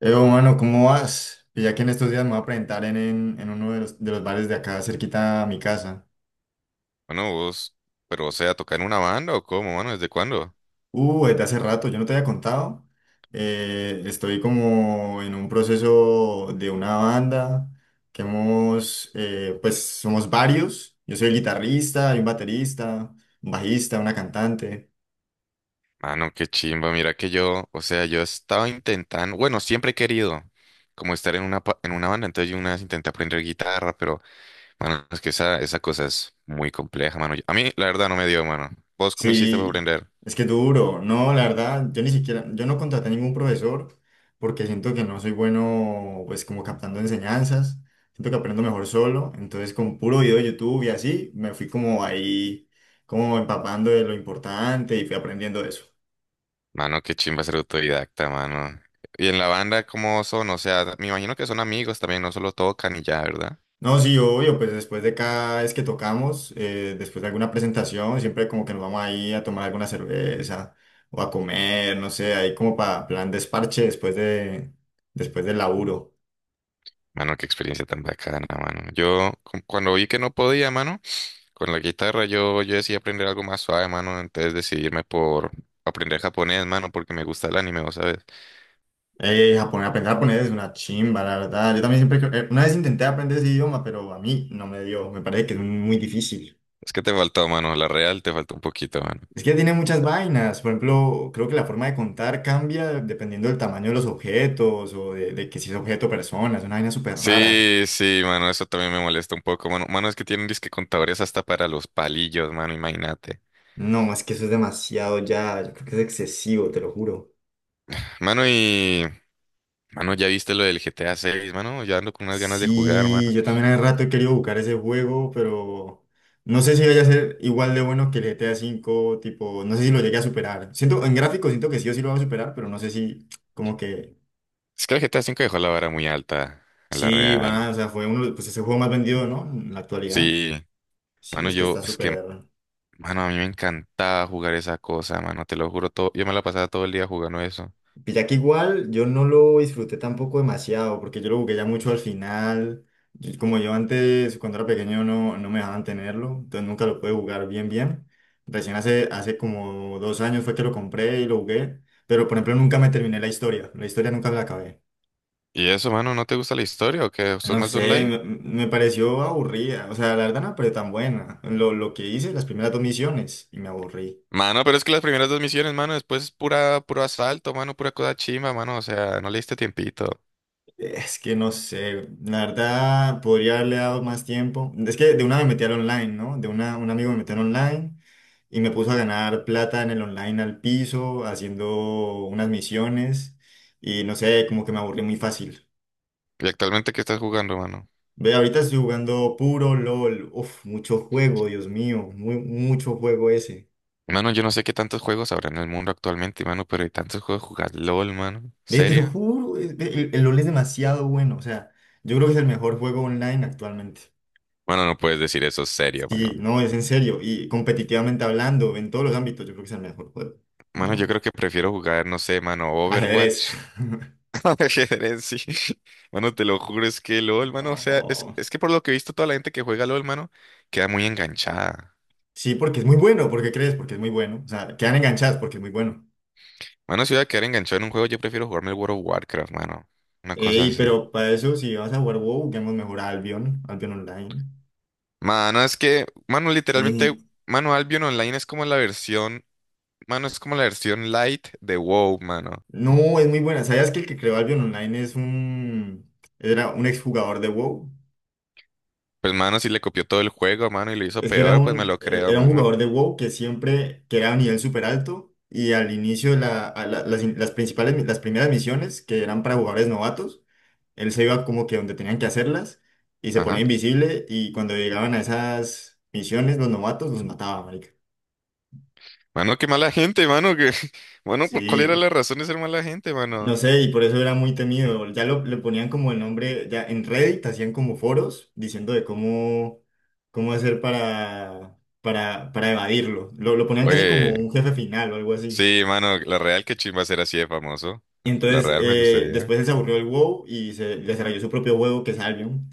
Evo, mano, ¿cómo vas? Pues ya que en estos días me voy a presentar en uno de los bares de acá, cerquita a mi casa. Bueno, vos, pero o sea, ¿tocar en una banda o cómo, mano? ¿Desde cuándo? Desde hace rato, yo no te había contado. Estoy como en un proceso de una banda que hemos, pues somos varios. Yo soy el guitarrista, hay un baterista, un bajista, una cantante. Mano, qué chimba, mira que yo, o sea, yo estaba intentando, bueno, siempre he querido como estar en una, en una banda, entonces yo una vez intenté aprender guitarra, pero, mano, es que esa cosa es muy compleja, mano. A mí, la verdad, no me dio, mano. ¿Vos cómo hiciste para Sí, aprender? es que duro. No, la verdad, yo ni siquiera, yo no contraté ningún profesor porque siento que no soy bueno, pues como captando enseñanzas. Siento que aprendo mejor solo. Entonces, con puro video de YouTube y así, me fui como ahí, como empapando de lo importante y fui aprendiendo de eso. Mano, qué chimba ser autodidacta, mano. Y en la banda, ¿cómo son? O sea, me imagino que son amigos también, no solo tocan y ya, ¿verdad? No, sí, obvio, pues después de cada vez que tocamos, después de alguna presentación, siempre como que nos vamos ahí a tomar alguna cerveza o a comer, no sé, ahí como para plan desparche después del laburo. Mano, qué experiencia tan bacana, mano. Yo, cuando vi que no podía, mano. Con la guitarra yo decidí aprender algo más suave, mano, entonces decidirme por aprender japonés, mano, porque me gusta el anime, ¿vos sabes? Japonés, aprender japonés es una chimba, la verdad. Yo también una vez intenté aprender ese idioma, pero a mí no me dio. Me parece que es muy difícil. Es que te faltó, mano, la real te faltó un poquito, mano. Es que tiene muchas vainas. Por ejemplo, creo que la forma de contar cambia dependiendo del tamaño de los objetos o de que si es objeto o persona. Es una vaina súper rara. Sí, sí, mano, eso también me molesta un poco, mano. Mano, es que tienen disque contadores hasta para los palillos, mano, imagínate. No, es que eso es demasiado ya. Yo creo que es excesivo, te lo juro. Mano, y... Mano, ¿ya viste lo del GTA 6, mano? Ya ando con unas ganas de jugar, Sí, mano. yo también hace rato he querido buscar ese juego, pero no sé si vaya a ser igual de bueno que el GTA 5 tipo, no sé si lo llegue a superar. En gráfico siento que sí o sí lo va a superar, pero no sé si, como que, Es que el GTA 5 dejó la vara muy alta, en la sí, real. van a, o sea, fue uno, pues ese juego más vendido, ¿no? En la actualidad. Sí, Sí, mano, es que yo... está Es que súper. mano, a mí me encantaba jugar esa cosa, mano, te lo juro todo. Yo me la pasaba todo el día jugando eso. Pilla que igual yo no lo disfruté tampoco demasiado, porque yo lo jugué ya mucho al final. Y como yo antes, cuando era pequeño, no me dejaban tenerlo, entonces nunca lo pude jugar bien, bien. Recién hace como 2 años fue que lo compré y lo jugué, pero por ejemplo nunca me terminé la historia nunca me la acabé. ¿Y eso, mano, no te gusta la historia o qué? ¿Sos No más de sé, online? me pareció aburrida, o sea, la verdad no pero tan buena. Lo que hice, las primeras dos misiones, y me aburrí. Mano, pero es que las primeras dos misiones, mano, después es pura, puro asalto, mano, pura cosa chimba, mano, o sea, no le diste tiempito. Es que no sé, la verdad podría haberle dado más tiempo. Es que de una me metí al online, ¿no? De una, un amigo me metió al online y me puso a ganar plata en el online al piso, haciendo unas misiones y no sé, como que me aburrí muy fácil. ¿Y actualmente qué estás jugando, mano? Ve, ahorita estoy jugando puro LOL. Uf, mucho juego, Dios mío, muy, mucho juego ese. Mano, yo no sé qué tantos juegos habrá en el mundo actualmente, mano, pero hay tantos juegos jugar LOL, mano. Ve, te lo ¿Seria? juro, ve, el LOL es demasiado bueno, o sea, yo creo que es el mejor juego online actualmente. Bueno, no puedes decir eso, serio, Sí, mano. no, es en serio. Y competitivamente hablando, en todos los ámbitos, yo creo que es el mejor juego. Mano, yo No. creo que prefiero jugar, no sé, mano, Ajedrez. Overwatch. Ajedrez, sí. Mano, te lo juro, es que LOL, mano, o sea, es, No. es que por lo que he visto, toda la gente que juega LOL, mano, queda muy enganchada. Sí, porque es muy bueno. ¿Por qué crees? Porque es muy bueno. O sea, quedan enganchadas porque es muy bueno. Mano, si voy a quedar enganchado en un juego, yo prefiero jugarme el World of Warcraft, mano. Una cosa Ey, así. pero para eso, si vas a jugar WoW, juguemos mejor a Albion, Albion Online. Mano, es que, mano, literalmente, Eh, mano, Albion Online es como la versión, mano, es como la versión light de WoW, mano. no, es muy buena. ¿Sabías que el que creó Albion Online era un exjugador de WoW? Pues, mano, si le copió todo el juego, mano, y lo hizo Es que era peor, pues me un, lo eh, creo, era un mano. jugador de WoW que siempre, que era a nivel súper alto y al inicio de la, a la- las principales, las primeras misiones que eran para jugadores novatos, él se iba como que donde tenían que hacerlas y se ponía Ajá. invisible y cuando llegaban a esas misiones los novatos los mataba, marica. Mano, qué mala gente, mano, que, mano, ¿cuál era Sí, la razón de ser mala gente, mano? no sé, y por eso era muy temido. Ya le ponían como el nombre, ya en Reddit hacían como foros diciendo de cómo hacer para evadirlo. Lo ponían casi como Oye. un jefe final o algo así. Sí, mano, la Real que chimba ser así de famoso. Y La entonces Real me gustaría. después él se aburrió el WoW y se desarrolló su propio juego que es Albion.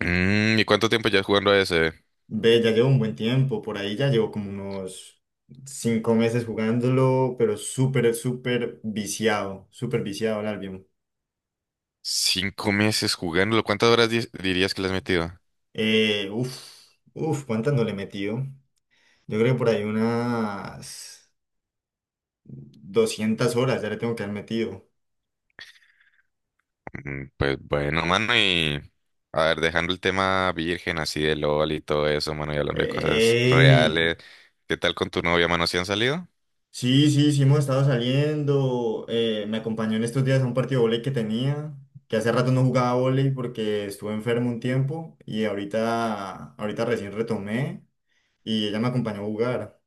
Mm, ¿y cuánto tiempo ya jugando a ese? Ve, ya llevo un buen tiempo, por ahí ya llevo como unos 5 meses jugándolo, pero súper, súper viciado al Albion. 5 meses jugándolo. ¿Cuántas horas dirías que le has metido? Uf, uf, ¿cuántas no le he metido? Yo creo que por ahí unas 200 horas ya le tengo que haber metido. Mm, pues bueno, mano, y a ver, dejando el tema virgen así de LOL y todo eso, mano, y hablando de cosas ¡Ey! reales. ¿Qué tal con tu novia, mano? ¿Si han salido? Sí, sí, sí, hemos estado saliendo. Me acompañó en estos días a un partido de vóley que tenía, que hace rato no jugaba vóley porque estuve enfermo un tiempo y ahorita recién retomé y ella me acompañó a jugar.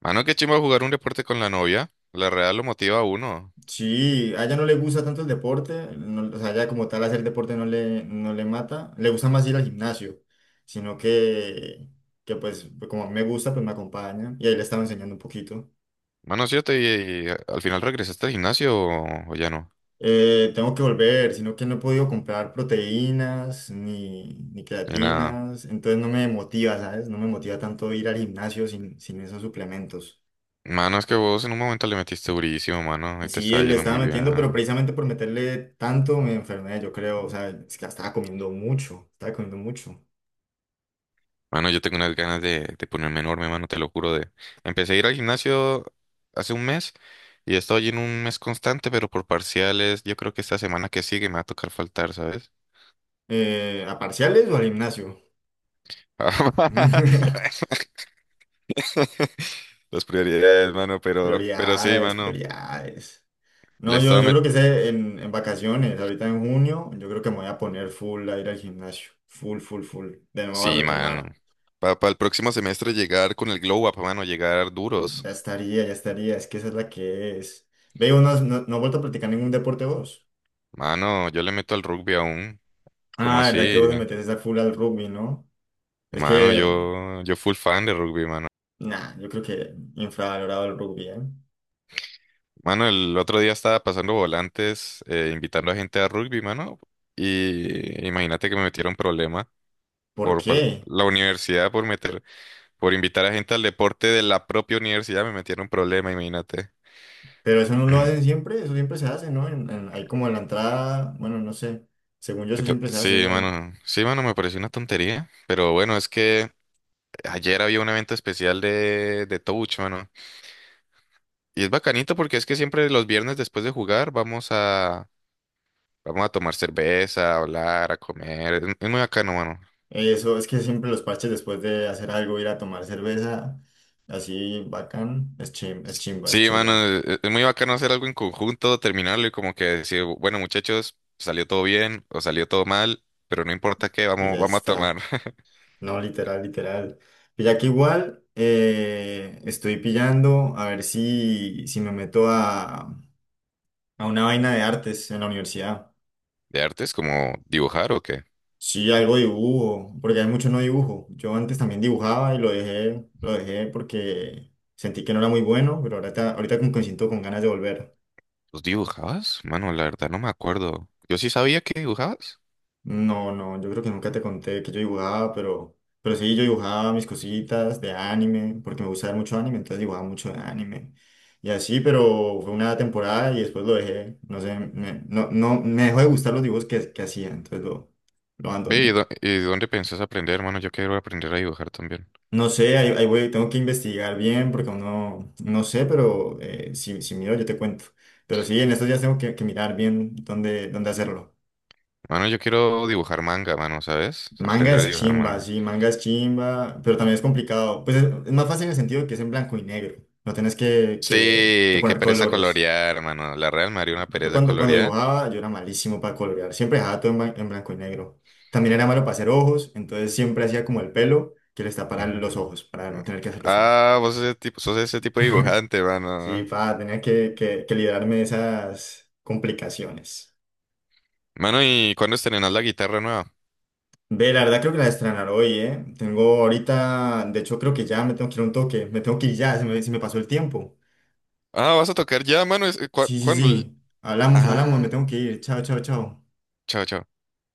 Mano, qué chimba jugar un deporte con la novia. La Real lo motiva a uno. Sí, a ella no le gusta tanto el deporte, o sea, ella como tal hacer deporte no le mata, le gusta más ir al gimnasio, sino que pues, como a mí me gusta, pues me acompaña y ahí le estaba enseñando un poquito. Mano, ¿sí yo te y, al final regresaste al gimnasio o ya no? Tengo que volver, sino que no he podido comprar proteínas ni Ni nada. creatinas, entonces no me motiva, ¿sabes? No me motiva tanto ir al gimnasio sin esos suplementos. Mano, es que vos en un momento le metiste durísimo, mano, y te Sí, estaba le yendo estaba muy metiendo, pero bien. precisamente por meterle tanto me enfermé, yo creo, o sea, es que estaba comiendo mucho, estaba comiendo mucho. Mano, yo tengo unas ganas de ponerme enorme, mano, te lo juro. De... Empecé a ir al gimnasio hace un mes y he estado yendo un mes constante, pero por parciales, yo creo que esta semana que sigue me va a tocar faltar, ¿sabes? ¿A parciales o al gimnasio? Las prioridades, mano, pero sí, Prioridades, mano. prioridades. Le No, yo, estaba yo met- creo que sé en vacaciones, ahorita en junio, yo creo que me voy a poner full a ir al gimnasio. Full, full, full. De nuevo a Sí, mano. retomar. Para el próximo semestre llegar con el glow up, mano, llegar duros. Ya estaría, ya estaría. Es que esa es la que es. Veo, no, no has vuelto a practicar ningún deporte vos. Mano, yo le meto al rugby aún. Como Ah, ¿verdad que así? vos le metes esa full al rugby, no? Es Mano, que, yo full fan de rugby, mano. nah, yo creo que infravalorado el rugby, ¿eh? Mano, el otro día estaba pasando volantes, invitando a gente a rugby, mano. Y imagínate que me metieron problema ¿Por qué? la universidad por invitar a gente al deporte de la propia universidad, me metieron problema, imagínate. Pero eso no lo hacen siempre, eso siempre se hace, ¿no? Ahí como en la entrada, bueno, no sé. Según yo, eso siempre se hace Sí, igual. mano. Sí, mano, me pareció una tontería. Pero bueno, es que ayer había un evento especial de Touch, mano. Y es bacanito porque es que siempre los viernes después de jugar Vamos a tomar cerveza, a hablar, a comer. Es muy bacano, mano. Eso es que siempre los parches después de hacer algo, ir a tomar cerveza, así bacán, es chimba, es Sí, mano, chimba. es muy bacano hacer algo en conjunto, terminarlo y como que decir, bueno, muchachos, salió todo bien o salió todo mal, pero no importa qué, Y vamos, ya vamos a tomar. está. No, literal, literal. Y ya que igual estoy pillando a ver si me meto a, una vaina de artes en la universidad. ¿De artes como dibujar o qué? Sí, algo de dibujo, porque hay mucho no dibujo. Yo antes también dibujaba y lo dejé porque sentí que no era muy bueno, pero ahorita como que me siento con ganas de volver. ¿Los dibujabas? Mano, la verdad no me acuerdo. Yo sí sabía que dibujabas. No, no, yo creo que nunca te conté que yo dibujaba, pero sí, yo dibujaba mis cositas de anime, porque me gusta ver mucho anime, entonces dibujaba mucho de anime. Y así, pero fue una temporada y después lo dejé. No sé, me, no, no, me dejó de gustar los dibujos que hacía, entonces lo Ve, abandoné. y dónde pensás aprender, mano? Yo quiero aprender a dibujar también. No sé, ahí voy, tengo que investigar bien porque uno no no sé, pero si miro yo te cuento. Pero sí, en estos días tengo que mirar bien dónde hacerlo. Mano, yo quiero dibujar manga, mano, ¿sabes? Manga Aprender a es dibujar chimba, manga. sí, manga es chimba, pero también es complicado. Pues es más fácil en el sentido de que es en blanco y negro. No tenés que Sí, qué poner pereza colores. colorear, hermano. La Real María una Yo pereza cuando colorear. dibujaba, yo era malísimo para colorear. Siempre dejaba todo en blanco y negro. También era malo para hacer ojos, entonces siempre hacía como el pelo que les tapara Ujú. los ojos, para no tener que hacer los ojos. Ah, vos sos ese tipo de dibujante, Sí, mano. Tenía que librarme de esas complicaciones. Mano, ¿y cuándo estrenás la guitarra nueva? Ve, la verdad creo que la estrenar hoy, ¿eh? Tengo ahorita, de hecho creo que ya me tengo que ir a un toque, me tengo que ir ya, se me pasó el tiempo. Ah, vas a tocar ya, mano. Sí, sí, ¿Cuándo? sí, hablamos, hablamos, me Ah, tengo que ir, chao, chao, chao. chao, chao.